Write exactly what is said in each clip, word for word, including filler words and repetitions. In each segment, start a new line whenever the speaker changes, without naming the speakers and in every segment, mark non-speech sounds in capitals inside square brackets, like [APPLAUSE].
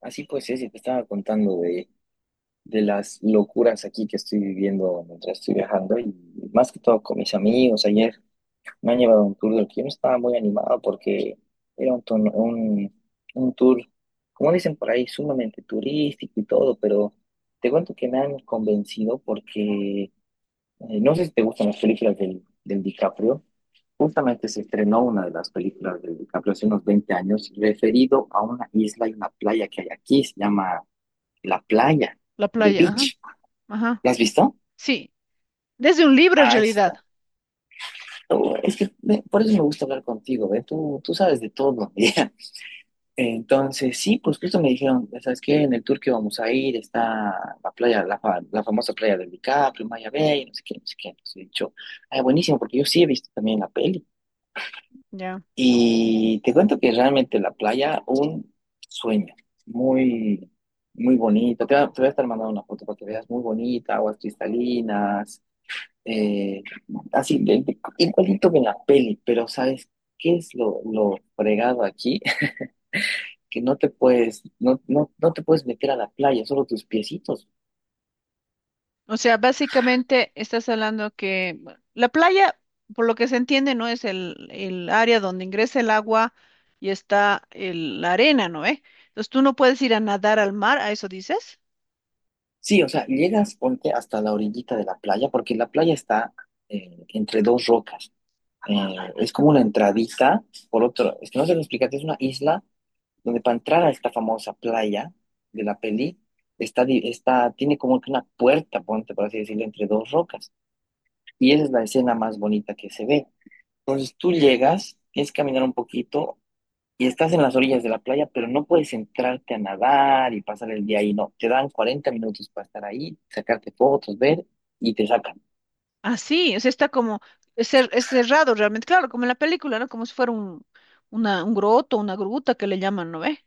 Así pues, es, y te estaba contando de, de las locuras aquí que estoy viviendo mientras estoy viajando y más que todo con mis amigos. Ayer me han llevado a un tour del que yo no estaba muy animado porque era un, tono- un, un tour, como dicen por ahí, sumamente turístico y todo, pero te cuento que me han convencido porque eh, no sé si te gustan las películas del, del DiCaprio. Justamente se estrenó una de las películas del DiCaprio hace unos veinte años referido a una isla y una playa que hay aquí, se llama la playa,
La
the
playa, ajá,
beach.
ajá.
¿La has visto?
Sí, desde un libro en
Ahí
realidad.
está. Oh, es que me- por eso me gusta hablar contigo, ¿ve? Tú, tú sabes de todo. [LAUGHS] Ya. Entonces, sí, pues justo me dijeron, ¿sabes qué? En el tour que vamos a ir está la playa, la, fa- la famosa playa del DiCaprio, Maya Bay, no sé qué, no sé qué. Entonces he dicho, ay, buenísimo, porque yo sí he visto también la peli.
Ya.
Y te cuento que realmente la playa, un sueño, muy, muy bonito. Te, va- te voy a estar mandando una foto para que veas, muy bonita, aguas cristalinas. Eh, Así, de- de- igualito que en la peli, pero ¿sabes qué es lo, lo fregado aquí? [LAUGHS] Que no te puedes, no, no, no te puedes meter a la playa, solo tus piecitos.
O sea, básicamente estás hablando que bueno, la playa, por lo que se entiende, no es el, el área donde ingresa el agua y está el- la arena, ¿no? ¿Eh? Entonces tú no puedes ir a nadar al mar, ¿a eso dices?
Sí, o sea, llegas, ponte hasta la orillita de la playa, porque la playa está, eh, entre dos rocas. Eh, es como una entradita, por otro, es que no sé cómo explicarte, es una isla donde para entrar a esta famosa playa de la peli, está, di- está, tiene como que una puerta, ponte, por así decirlo, entre dos rocas. Y esa es la escena más bonita que se ve. Entonces tú llegas, tienes que caminar un poquito y estás en las orillas de la playa, pero no puedes entrarte a nadar y pasar el día ahí, no. Te dan cuarenta minutos para estar ahí, sacarte fotos, ver y te sacan.
Así, o sea, está como es cer- es cerrado realmente, claro, como en la película, ¿no? Como si fuera un, una, un groto, una gruta que le llaman, ¿no? ¿Ve?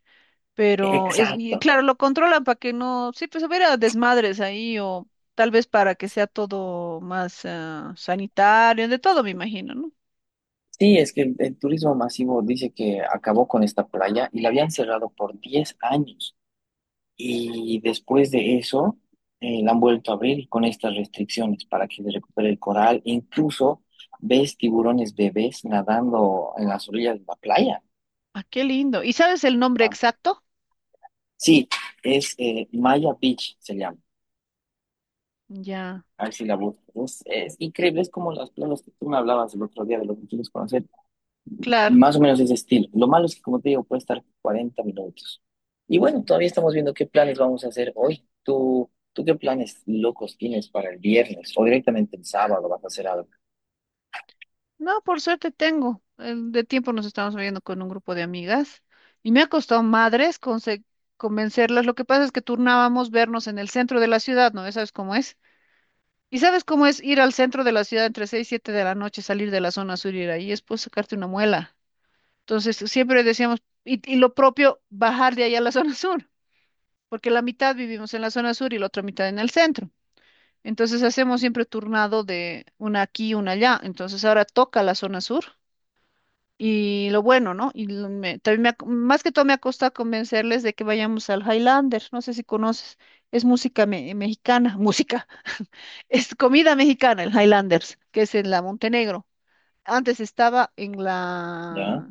Pero es, y
Exacto.
claro, lo controlan para que no, sí, pues hubiera desmadres ahí o tal vez para que sea todo más ah, sanitario, de todo me imagino, ¿no?
Sí, es que el, el turismo masivo dice que acabó con esta playa y la habían cerrado por diez años. Y después de eso, eh, la han vuelto a abrir con estas restricciones para que se recupere el coral. Incluso ves tiburones bebés nadando en las orillas de la playa.
Ah, qué lindo. ¿Y sabes el nombre
¿Ah?
exacto?
Sí, es, eh, Maya Beach, se llama.
Ya,
A ver si la buscas. Es, es increíble, es como las playas que tú me hablabas el otro día de lo que quieres conocer.
claro.
Más o menos ese estilo. Lo malo es que, como te digo, puede estar cuarenta minutos. Y bueno, todavía estamos viendo qué planes vamos a hacer hoy. ¿Tú, tú qué planes locos tienes para el viernes o directamente el sábado vas a hacer algo?
No, por suerte tengo. Eh, De tiempo nos estamos viendo con un grupo de amigas y me ha costado madres conse- convencerlas. Lo que pasa es que turnábamos vernos en el centro de la ciudad, ¿no? Ya. ¿Sabes cómo es? ¿Y sabes cómo es ir al centro de la ciudad entre seis y siete de la noche, salir de la zona sur y ir ahí? Es, pues, sacarte una muela. Entonces, siempre decíamos, y, y lo propio, bajar de allá a la [LAUGHS] zona sur, porque la mitad vivimos en la zona sur y la otra mitad en el centro. Entonces, hacemos siempre turnado de una aquí y una allá. Entonces, ahora toca la zona sur y lo bueno, ¿no? Y lo- me- también me ha- más que todo me ha costado convencerles de que vayamos al Highlander. No sé si conoces, es música me- mexicana, música. Es comida mexicana, el Highlanders, que es en la Montenegro. Antes estaba en
¿Ya?
la...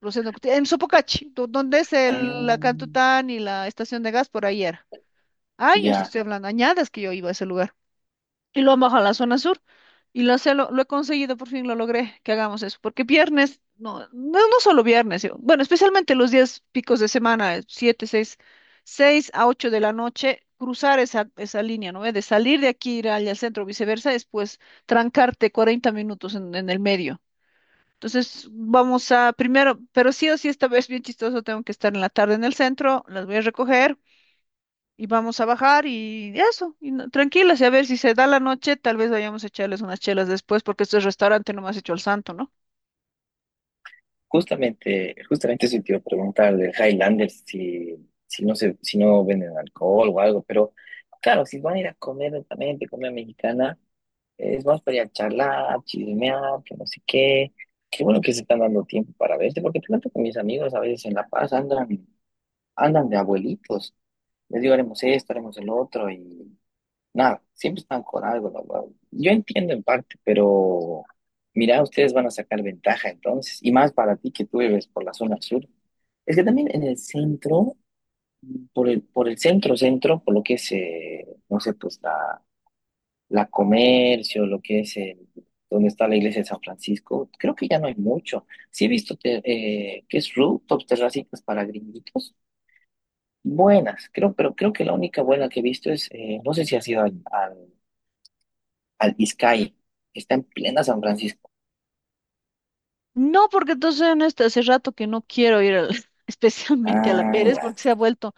Rosendo Cuti- en Sopocachi, do- donde es
Ah,
el, la Cantután y la estación de gas por ayer. Años
ya.
estoy hablando, añadas que yo iba a ese lugar y lo han bajado a la zona sur. Y lo, sé, lo, lo he conseguido, por fin lo logré, que hagamos eso. Porque viernes, no, no, no solo viernes, yo- bueno, especialmente los días picos de semana, eh, siete, seis, seis a ocho de la noche, cruzar esa, esa línea, ¿no? Eh, De salir de aquí, ir allá al centro, viceversa, después trancarte cuarenta minutos en, en el medio. Entonces, vamos a, primero, pero sí o sí, esta vez bien chistoso, tengo que estar en la tarde en el centro, las voy a recoger, y vamos a bajar y eso, y no- tranquilas, y a ver si se da la noche, tal vez vayamos a echarles unas chelas después, porque este restaurante no me has hecho el santo, ¿no?
Justamente, justamente eso te iba a preguntar del Highlanders, si, si no se, si no venden alcohol o algo, pero claro, si van a ir a comer lentamente, comida mexicana. Es más para ir a charlar, chismear, que no sé qué. Qué bueno que se están dando tiempo para verse, porque te cuento que mis amigos a veces en La Paz andan, andan de abuelitos. Les digo, haremos esto, haremos el otro, y nada, siempre están con algo, la verdad. Yo entiendo en parte, pero mira, ustedes van a sacar ventaja entonces, y más para ti que tú vives por la zona sur. Es que también en el centro, por el, por el centro, centro, por lo que es, eh, no sé, pues la la Comercio, lo que es el, donde está la iglesia de San Francisco, creo que ya no hay mucho. Sí he visto te-, eh, que es rooftops, terracitas para gringuitos, buenas, creo, pero creo que la única buena que he visto es, eh, no sé si ha sido al, al, al Izcaí, que está en plena San Francisco.
No, porque entonces en este hace rato que no quiero ir al- [LAUGHS] especialmente a la
Ah,
Pérez,
ya,
porque se ha vuelto,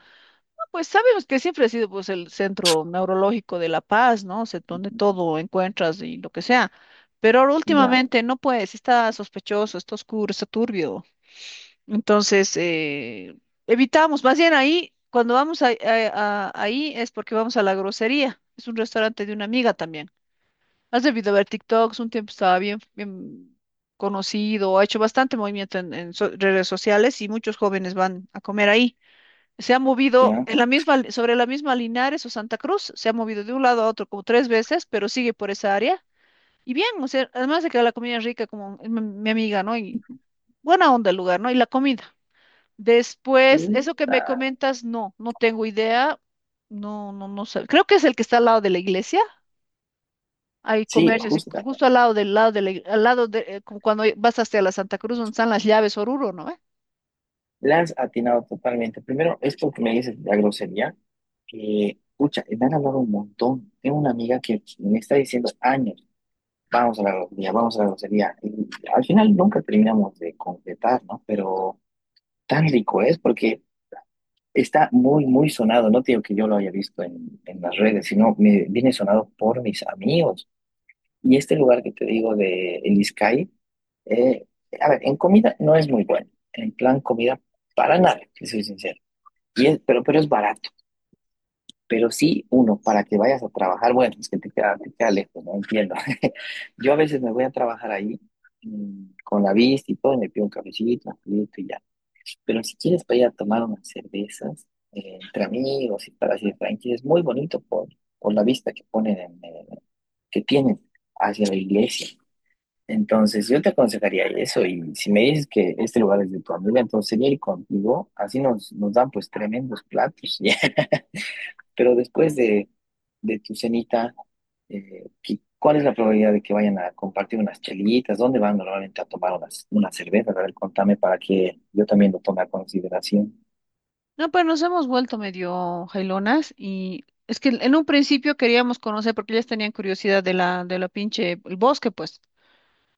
no, pues sabemos que siempre ha sido, pues, el centro neurológico de La Paz, ¿no? O sea, donde todo encuentras y lo que sea. Pero ahora
ya,
últimamente no puedes, está sospechoso, está oscuro, está turbio. Entonces, eh, evitamos, más bien ahí, cuando vamos a- a- a- ahí es porque vamos a La Grosería, es un restaurante de una amiga también. Has debido ver TikToks, un tiempo estaba bien, bien conocido, ha hecho bastante movimiento en, en so- redes sociales, y muchos jóvenes van a comer ahí. Se ha movido
ya.
en la misma, li- sobre la misma Linares o Santa Cruz, se ha movido de un lado a otro como tres veces, pero sigue por esa área. Y bien, o sea, además de que la comida es rica, como mi mi amiga, ¿no? Y buena onda el lugar, ¿no? Y la comida. Después, eso que me
Justa.
comentas, no, no tengo idea. No, no, no sé. Creo que es el que está al lado de la iglesia. Hay
Sí,
comercios, y
justa.
justo al lado del lado de la, ig- al lado de, eh, como cuando vas hasta la Santa Cruz, donde están las llaves Oruro, ¿no? ¿Ve?
La has atinado totalmente. Primero, esto que me dices de la grosería, que, pucha, me han hablado un montón. Tengo una amiga que me está diciendo años. Vamos a la grosería, vamos a la grosería. Y al final nunca terminamos de completar, ¿no? Pero tan rico es porque está muy, muy sonado. No te digo que yo lo haya visto en, en las redes, sino me viene sonado por mis amigos. Y este lugar que te digo de El Izcaí, eh, a ver, en comida no es muy bueno. En plan comida, para nada, que soy sincero. Y es- pero, pero es barato. Pero sí, uno, para que vayas a trabajar, bueno, es que te queda, te queda lejos, no entiendo. [LAUGHS] Yo a veces me voy a trabajar ahí, mm, con la vista y todo, y me pido un cafecito, un juguito y ya. Pero si quieres para ir a tomar unas cervezas, eh, entre amigos y para así tranquilos, es muy bonito por, por la vista que ponen, en, eh, que tienen hacia la iglesia. Entonces, yo te aconsejaría eso, y si me dices que este lugar es de tu amiga, entonces sería ir contigo, así nos, nos dan pues tremendos platos. [LAUGHS] Pero después de, de tu cenita, eh, ¿qué- ¿cuál es la probabilidad de que vayan a compartir unas chelitas? ¿Dónde van normalmente a tomar unas, unas cervezas? A ver, contame para que yo también lo tome a consideración.
No, pues nos hemos vuelto medio jailonas, y es que en un principio queríamos conocer porque ellas tenían curiosidad de la, de la pinche, el bosque, pues.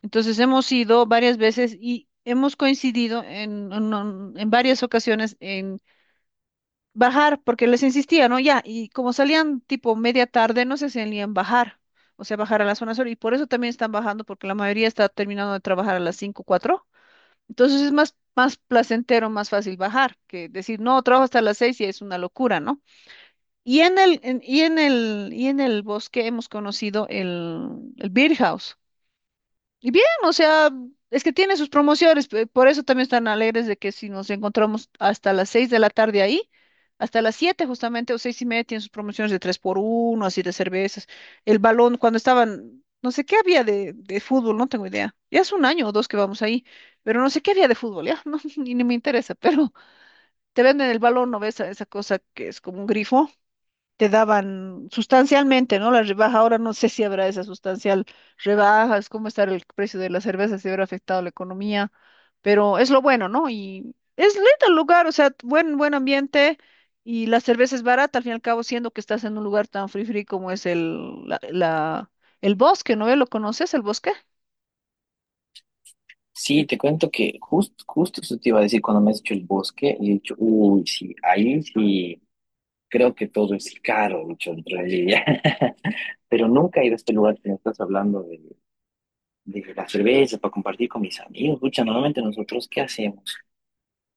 Entonces hemos ido varias veces y hemos coincidido en, en en varias ocasiones en bajar, porque les insistía, ¿no? Ya, y como salían tipo media tarde, no se salían bajar, o sea, bajar a las zona sur, y por eso también están bajando, porque la mayoría está terminando de trabajar a las cinco, cuatro, entonces es más, más placentero, más fácil bajar, que decir, no, trabajo hasta las seis y es una locura, ¿no? Y en el, en- y en el, y en el bosque hemos conocido el, el Beer House. Y bien, o sea, es que tiene sus promociones, pe- por eso también están alegres de que si nos encontramos hasta las seis de la tarde ahí, hasta las siete justamente o seis y media, tienen sus promociones de tres por uno, así, de cervezas. El balón, cuando estaban, no sé qué había de, de fútbol, no tengo idea. Ya es un año o dos que vamos ahí, pero no sé qué había de fútbol, ya, [LAUGHS] no, ni, ni me interesa, pero te venden el balón, ¿no ves? Esa esa cosa que es como un grifo te daban sustancialmente, ¿no? La rebaja, ahora no sé si habrá esa sustancial rebaja, es cómo estará el precio de la cerveza, si habrá afectado la economía, pero es lo bueno, ¿no? Y es lindo el lugar, o sea, buen, buen ambiente, y la cerveza es barata, al fin y al cabo, siendo que estás en un lugar tan free free como es el, la, la- el bosque, ¿no? ¿Lo conoces, el bosque?
Sí, te cuento que justo, justo eso te iba a decir cuando me has dicho el bosque, y he dicho, uy, sí, ahí sí, creo que todo es caro, he dicho en realidad. [LAUGHS] Pero nunca he ido a este lugar que me estás hablando de, de la cerveza para compartir con mis amigos. Pucha, normalmente nosotros, ¿qué hacemos?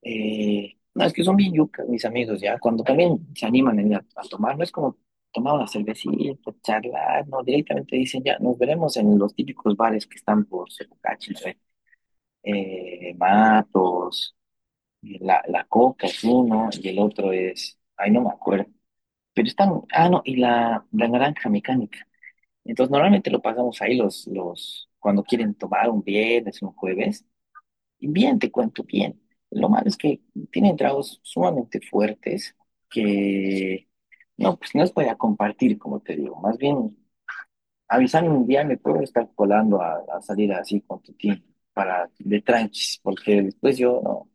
Eh, no, es que son bien yucas mis amigos, ya. Cuando también se animan en- a, a tomar, no es como tomar una cervecita, charlar, no, directamente dicen ya, nos veremos en los típicos bares que están por Sepucachi, eh, Matos, y la, la Coca es uno y el otro es, ay, no me acuerdo, pero están, ah, no, y la, la naranja mecánica. Entonces, normalmente lo pasamos ahí los, los, cuando quieren tomar un viernes, un jueves. Y bien, te cuento bien. Lo malo es que tienen tragos sumamente fuertes que no, pues no los podía compartir, como te digo. Más bien, avisarme un día me puedo estar colando a, a salir así con tu team para de tranquis, porque después yo no,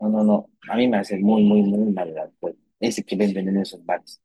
no, no, no. A mí me hace muy, muy, muy mal el alcohol, ese que venden en esos bares.